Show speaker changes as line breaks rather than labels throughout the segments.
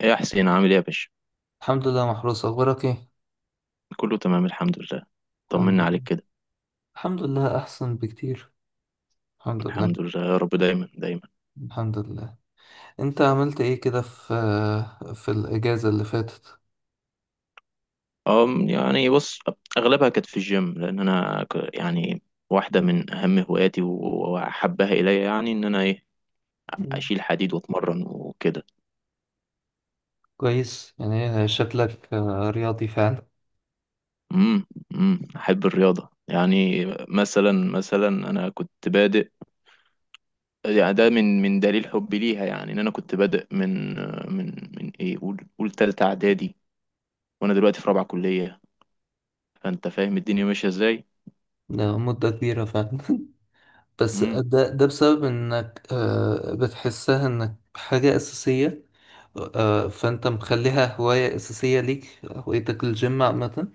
ايه يا حسين، عامل ايه يا باشا؟
الحمد لله محروس، أخبارك إيه؟
كله تمام، الحمد لله.
الحمد
طمنا
لله.
عليك كده.
الحمد لله أحسن بكتير. الحمد لله.
الحمد لله يا رب، دايما دايما.
الحمد لله. أنت عملت إيه كده في الإجازة اللي فاتت؟
يعني بص، اغلبها كانت في الجيم لان انا يعني واحده من اهم هواياتي واحبها الي، يعني ان انا ايه.
مم.
اشيل حديد واتمرن وكده.
كويس، يعني شكلك رياضي فعلا.
امم. احب الرياضه، يعني مثلا مثلا انا كنت بادئ، يعني ده من دليل حبي ليها، يعني ان انا كنت بادئ من من ايه، قول قول تالتة اعدادي، وانا دلوقتي في رابعه كليه، فانت فاهم الدنيا ماشيه ازاي.
ده مدة كبيرة فعلا. بس
امم.
ده بسبب إنك بتحسها إنك حاجة أساسية. فأنت مخليها هواية أساسية ليك، هوايتك الجيم عامة.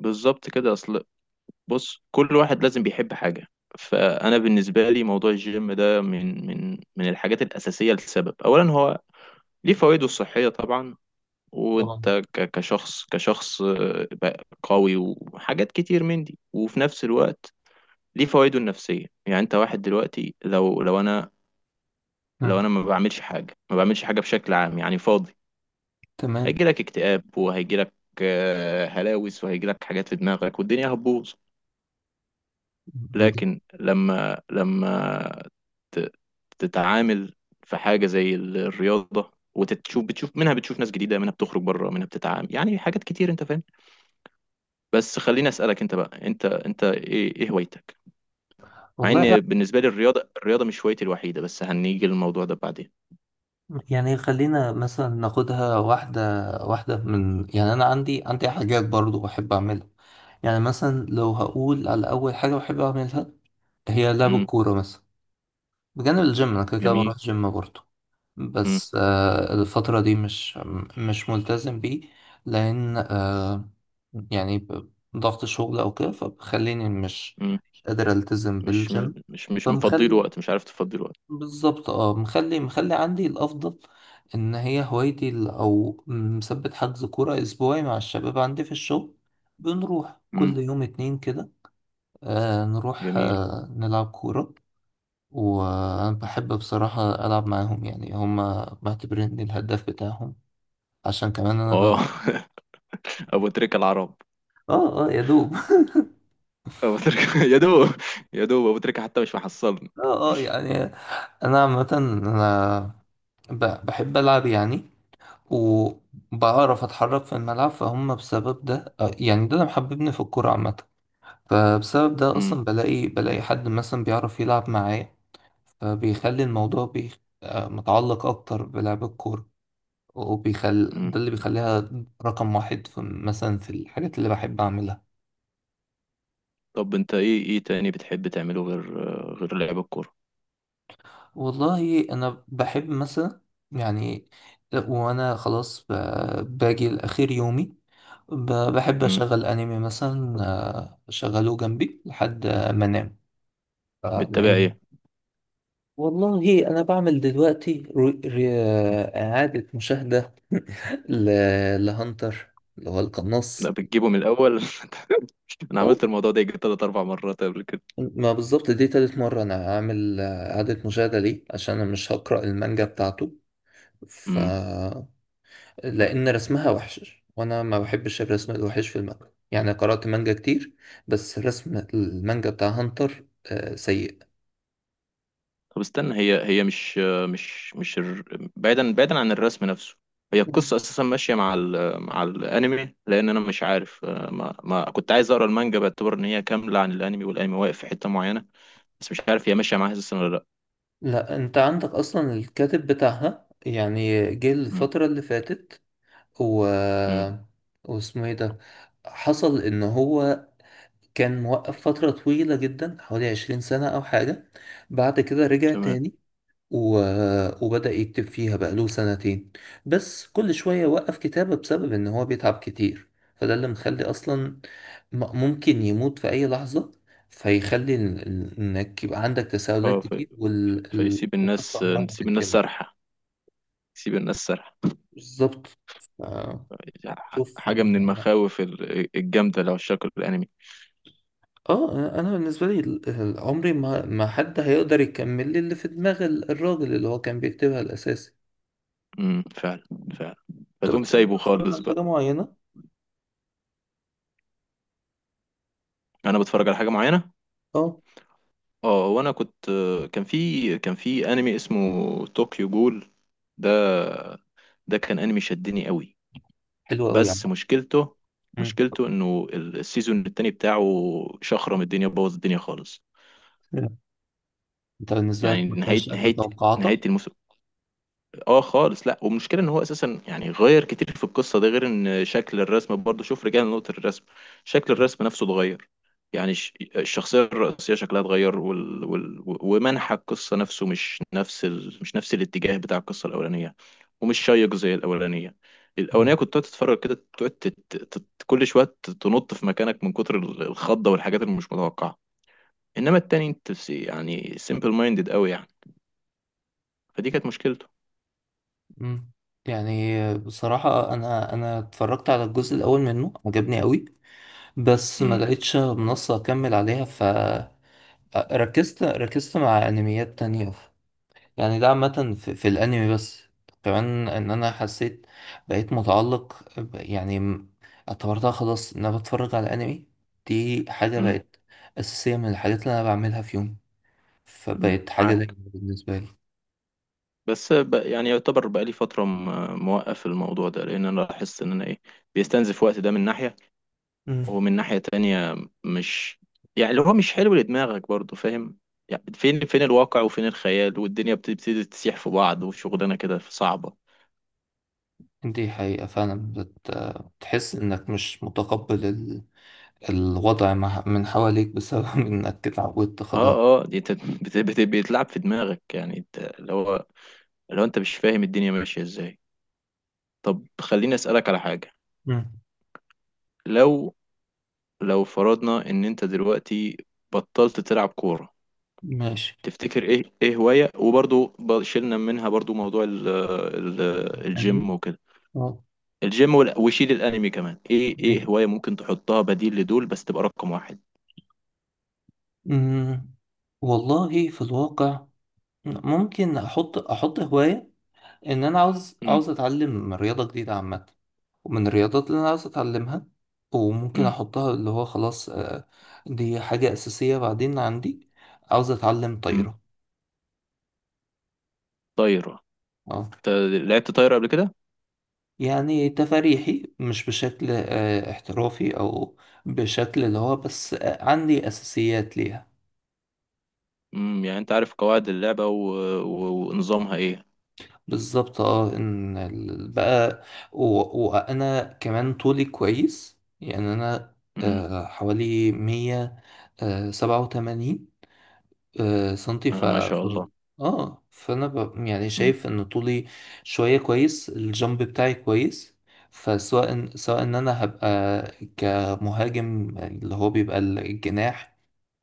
بالظبط كده، اصل بص، كل واحد لازم بيحب حاجة. فانا بالنسبة لي موضوع الجيم ده من الحاجات الأساسية لسبب، اولا هو ليه فوائده الصحية طبعا،
طبعا.
وانت كشخص بقى قوي وحاجات كتير من دي، وفي نفس الوقت ليه فوائده النفسية. يعني انت واحد دلوقتي، لو انا،
مم.
لو انا ما بعملش حاجة، بشكل عام، يعني فاضي،
تمام.
هيجيلك اكتئاب وهيجيلك هلاوس وهيجيلك حاجات في دماغك والدنيا هتبوظ. لكن لما ت- تتعامل في حاجة زي الرياضة وتشوف، بتشوف منها، بتشوف ناس جديدة، منها بتخرج بره، منها بتتعامل، يعني حاجات كتير انت فاهم. بس خليني أسألك انت بقى، انت ايه هوايتك؟ مع
والله،
ان بالنسبة لي الرياضة مش هوايتي الوحيدة، بس هنيجي للموضوع ده بعدين.
يعني خلينا مثلا ناخدها واحدة واحدة من، يعني أنا عندي حاجات برضو بحب أعملها. يعني مثلا لو هقول على أول حاجة بحب أعملها، هي لعب
امم.
الكورة مثلا. بجانب الجيم أنا كده كده
جميل.
بروح جيم برضو.
امم.
بس الفترة دي مش ملتزم بيه. لأن يعني ضغط شغل أو كده فبخليني مش
امم
قادر ألتزم
مش
بالجيم.
مش مفضيله
فمخلي
وقت، مش عارف تفضيله وقت.
بالظبط، مخلي عندي الافضل، ان هي هوايتي او مثبت حجز كوره اسبوعي مع الشباب عندي في الشغل. بنروح
امم.
كل يوم اتنين كده. نروح
جميل.
نلعب كوره. وانا بحب بصراحه العب معاهم، يعني هما معتبريني الهداف بتاعهم، عشان كمان انا
اه ابو تريكة العرب.
اه اه يا دوب.
ابو تريكة يا دوب. يا دوب ابو تريكة حتى مش محصلني.
اه يعني انا عامه انا بحب العب يعني، وبعرف اتحرك في الملعب، فهم بسبب ده يعني ده اللي محببني في الكورة عامة. فبسبب ده
امم.
اصلا بلاقي حد مثلا بيعرف يلعب معايا، فبيخلي الموضوع متعلق اكتر بلعب الكورة.
مم.
ده اللي بيخليها رقم واحد في، مثلا في الحاجات اللي بحب اعملها.
طب انت ايه تاني بتحب تعمله غير لعب الكورة؟
والله انا بحب مثلا، يعني، وانا خلاص باجي لاخر يومي، ب- بحب
مم.
اشغل انمي مثلا، اشغله جنبي لحد ما انام. آه،
بتتابع
لان
ايه؟
والله انا بعمل دلوقتي اعادة مشاهدة لهانتر اللي هو
لا،
القناص.
بتجيبه من الاول انا
آه،
عملت الموضوع ده يجي تلات اربع مرات قبل كده.
ما بالظبط، دي تالت مرة انا اعمل اعادة مشاهدة ليه، عشان انا مش هقرأ المانجا بتاعته، ف
مم.
لأن رسمها وحش وأنا ما بحبش الرسم الوحش في المانجا، يعني قرأت مانجا كتير بس رسم المانجا بتاع هانتر سيء.
طب استنى، هي هي مش، مش الر... بعيدا بعيدا عن الرسم نفسه، هي
مم.
القصة اساسا ماشية مع ال... مع الانمي، لان انا مش عارف، ما كنت عايز اقرا المانجا باعتبار ان هي كاملة عن الانمي، والانمي واقف في حتة معينة. بس مش عارف هي ماشية معاها اساسا ولا لا.
لا، أنت عندك أصلا الكاتب بتاعها، يعني جه
مم.
الفترة اللي فاتت و...
مم.
واسمه إيه ده. حصل إن هو كان موقف فترة طويلة جدا، حوالي 20 سنة أو حاجة. بعد كده رجع
تمام.
تاني و... وبدأ يكتب فيها بقاله سنتين، بس كل شوية وقف كتابة بسبب إن هو بيتعب كتير. فده اللي مخلي أصلا ممكن يموت في أي لحظة، فيخلي إنك يبقى عندك تساؤلات
اه،
كتير
فيسيب
والقصة
الناس
عمرها ما
نسيب الناس
تكتمل.
سرحة، سيب الناس سرح.
بالظبط. ف- شوف.
حاجة من
لا.
المخاوف الجامدة اللي عشاق الأنمي.
اه، انا بالنسبه لي عمري ما حد هيقدر يكمل لي اللي في دماغ الراجل اللي هو كان بيكتبها الاساسي.
امم، فعلا. فعلا.
انت
فتقوم
بتحب
سايبه
تتفرج
خالص
على حاجه
بقى.
معينه؟
أنا بتفرج على حاجة معينة.
اه.
اه وأنا كنت، كان في أنمي اسمه طوكيو جول. ده ده كان أنمي شدني قوي.
حلو قوي يا
بس مشكلته،
عم.
إنه السيزون التاني بتاعه شخرم الدنيا، بوظ الدنيا خالص.
مم. انت بالنسبة
يعني
لك ما كانش قد توقعاتك؟
نهاية الموسم، اه خالص لا. والمشكله ان هو اساسا، يعني غير كتير في القصه، ده غير ان شكل الرسم برضه، شوف رجعنا لنقطه الرسم. شكل الرسم نفسه اتغير، يعني الشخصيه الرئيسيه شكلها اتغير، ومنحى القصه نفسه مش نفس ال...، مش نفس الاتجاه بتاع القصه الاولانيه، ومش شيق زي الاولانيه. الاولانيه
مم.
كنت تقعد تتفرج كده، تقعد كل شويه تنط في مكانك من كتر الخضه والحاجات اللي مش متوقعه. انما التاني انت يعني سيمبل مايندد قوي يعني. فدي كانت مشكلته.
مم. يعني بصراحة أنا اتفرجت على الجزء الأول منه، عجبني قوي، بس ما
امم.
لقيتش منصة أكمل عليها، فركزت مع أنميات تانية. يعني ده عامة في الأنمي بس، كمان إن أنا حسيت بقيت متعلق يعني اعتبرتها خلاص إن أنا بتفرج على أنمي. دي حاجة
امم.
بقت أساسية من الحاجات اللي أنا بعملها في يومي، فبقت حاجة دايما
معاك.
بالنسبة لي.
بس يعني يعتبر بقالي فترة موقف الموضوع ده، لأن أنا لاحظت إن أنا إيه، بيستنزف وقت، ده من ناحية.
مم.
ومن ناحية تانية، مش، يعني اللي هو مش حلو لدماغك برضو، فاهم؟ يعني فين الواقع وفين الخيال، والدنيا بتبتدي تسيح في بعض، وشغلانة كده صعبة.
دي حقيقة فعلا، بتحس إنك مش متقبل الوضع من حواليك بسبب إنك اتعودت
اه
خلاص.
اه، دي انت بيتلعب في دماغك، يعني انت اللي هو لو انت مش فاهم الدنيا ماشية ازاي. طب خليني أسألك على حاجة.
مم.
لو، لو فرضنا ان انت دلوقتي بطلت تلعب كورة،
ماشي.
تفتكر ايه هواية، وبرضو شلنا منها برضو موضوع ال
يعني
الجيم وكده،
آه.
الجيم وشيل الانمي كمان، ايه
ماشي.
هواية ممكن تحطها بديل لدول بس تبقى رقم واحد؟
مم. والله في الواقع، ممكن أحط هواية، إن أنا عاوز
امم.
عاوز أتعلم رياضة جديدة عامة، ومن الرياضات اللي أنا عاوز أتعلمها وممكن
امم.
أحطها اللي هو خلاص، دي حاجة أساسية بعدين عندي، عاوز أتعلم
امم
طايرة.
طايرة.
اه.
انت لعبت طايرة قبل كده؟
يعني تفاريحي، مش بشكل احترافي او بشكل اللي هو بس، عندي اساسيات ليها.
يعني انت عارف قواعد اللعبة ونظامها ايه.
بالظبط، اه ان بقى، وانا كمان طولي كويس، يعني انا
امم.
حوالي مية سبعة وتمانين سنتي
آه ما شاء الله.
اه، فانا يعني
امم.
شايف ان طولي شويه كويس، الجامب بتاعي كويس. سواء ان انا هبقى كمهاجم، يعني اللي هو بيبقى الجناح،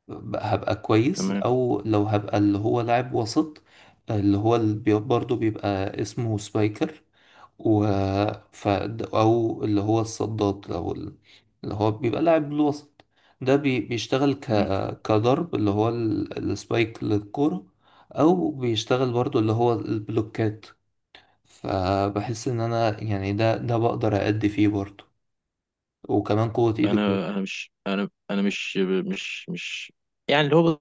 هبقى كويس،
تمام.
او لو هبقى اللي هو لاعب وسط، اللي هو برضه بيبقى اسمه سبايكر، و ف... او اللي هو الصداد او اللي هو بيبقى لاعب بالوسط. ده بيشتغل
امم.
كضرب اللي هو السبايك للكرة، او بيشتغل برضو اللي هو البلوكات. فبحس ان انا يعني ده بقدر أأدي فيه برضو، وكمان قوة ايدي كويس.
انا مش، انا مش، مش مش يعني اللي هو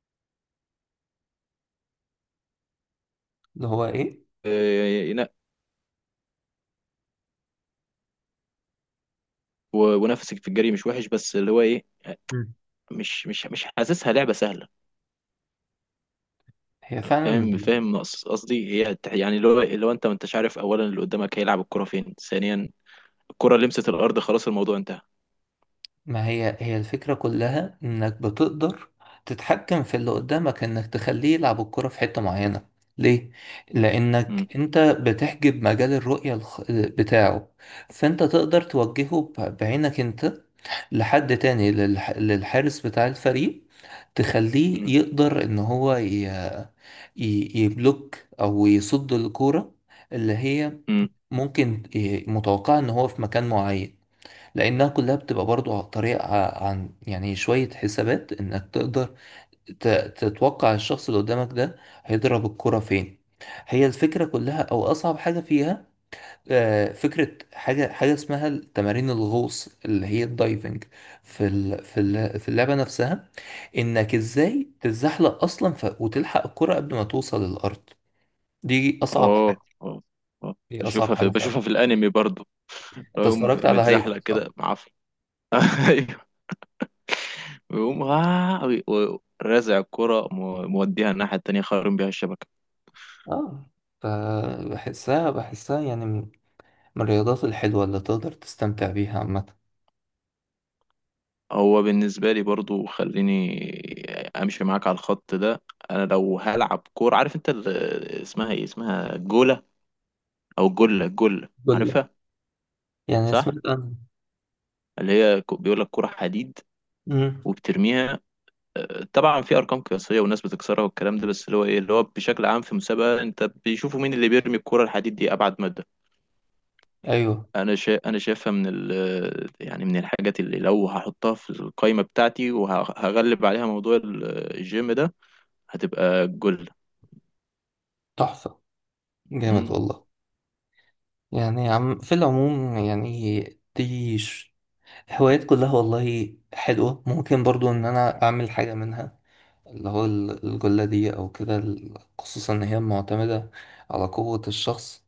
اللي هو ايه؟
آه، ينق- ونفسك في الجري مش وحش، بس اللي هو ايه،
مم.
مش حاسسها لعبة سهلة.
هي فعلا.
فاهم فاهم، قصدي هي يعني لو انت ما انتش عارف اولا اللي قدامك هيلعب الكرة فين، ثانيا الكرة لمست الارض خلاص الموضوع انتهى.
ما هي هي الفكرة كلها، انك بتقدر تتحكم في اللي قدامك، انك تخليه يلعب الكرة في حتة معينة. ليه؟ لانك
امم.
انت بتحجب مجال الرؤية بتاعه، فانت تقدر توجهه بعينك انت لحد تاني، للحارس بتاع الفريق، تخليه
امم.
يقدر ان هو يبلوك او يصد الكرة اللي هي
امم.
ممكن متوقعة ان هو في مكان معين. لانها كلها بتبقى برضو طريقة، عن يعني شوية حسابات، انك تقدر ت- تتوقع الشخص اللي قدامك ده هيضرب الكرة فين. هي الفكرة كلها، او اصعب حاجة فيها فكرة، حاجة اسمها تمارين الغوص، اللي هي الدايفنج في في اللعبة نفسها، انك ازاي تتزحلق اصلا وتلحق الكرة قبل ما توصل للارض. دي اصعب
اه
حاجة.
اه. آه.
دي اصعب حاجة فعلا.
بشوفها في الانمي برضو. لو
انت
يقوم
اتفرجت على هايكو،
متزحلق
صح؟
كده معفن ايوه، ويقوم ورازع الكرة موديها الناحية التانية خارم بيها الشبكة.
اه. فبحسها يعني من الرياضات الحلوة اللي تقدر تستمتع بيها عامة.
هو بالنسبة لي برضو، خليني امشي معاك على الخط ده. انا لو هلعب كورة، عارف انت اسمها ايه، اسمها جولة او جلة، جلة
كل
عارفها؟
يعني
صح.
سمعت عنها.
اللي هي بيقول لك كورة حديد
امم.
وبترميها. طبعا في ارقام قياسية وناس بتكسرها والكلام ده، بس اللي هو ايه، اللي هو بشكل عام في مسابقة انت بيشوفوا مين اللي بيرمي الكورة الحديد دي ابعد مدى.
ايوه.
انا شايفها من ال...، يعني من الحاجات اللي لو هحطها في القائمة بتاعتي وهغلب عليها موضوع الجيم ده هتبقى الجلة.
تحفة، جامد
مم.
والله. يعني عم، في العموم، يعني دي هوايات كلها والله حلوة، ممكن برضو ان انا اعمل حاجة منها، اللي هو الجلة دي او كده، خصوصا ان هي معتمدة على قوة الشخص،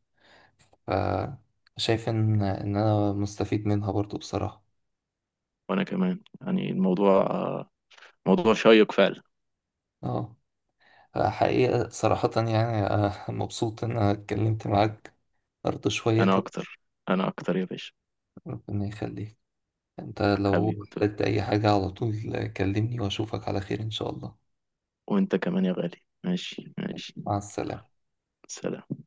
فشايف ان انا مستفيد منها برضو بصراحة.
وانا كمان يعني الموضوع موضوع شيق فعلا.
اه. حقيقة صراحة، يعني مبسوط إن أنا اتكلمت معاك برضه شوية
انا
كده.
اكتر، انا اكتر يا باشا.
ربنا يخليك. أنت لو
حبيبي،
احتجت أي حاجة على طول كلمني، وأشوفك على خير إن شاء الله.
وانت كمان يا غالي، ماشي ماشي.
مع السلامة.
سلام.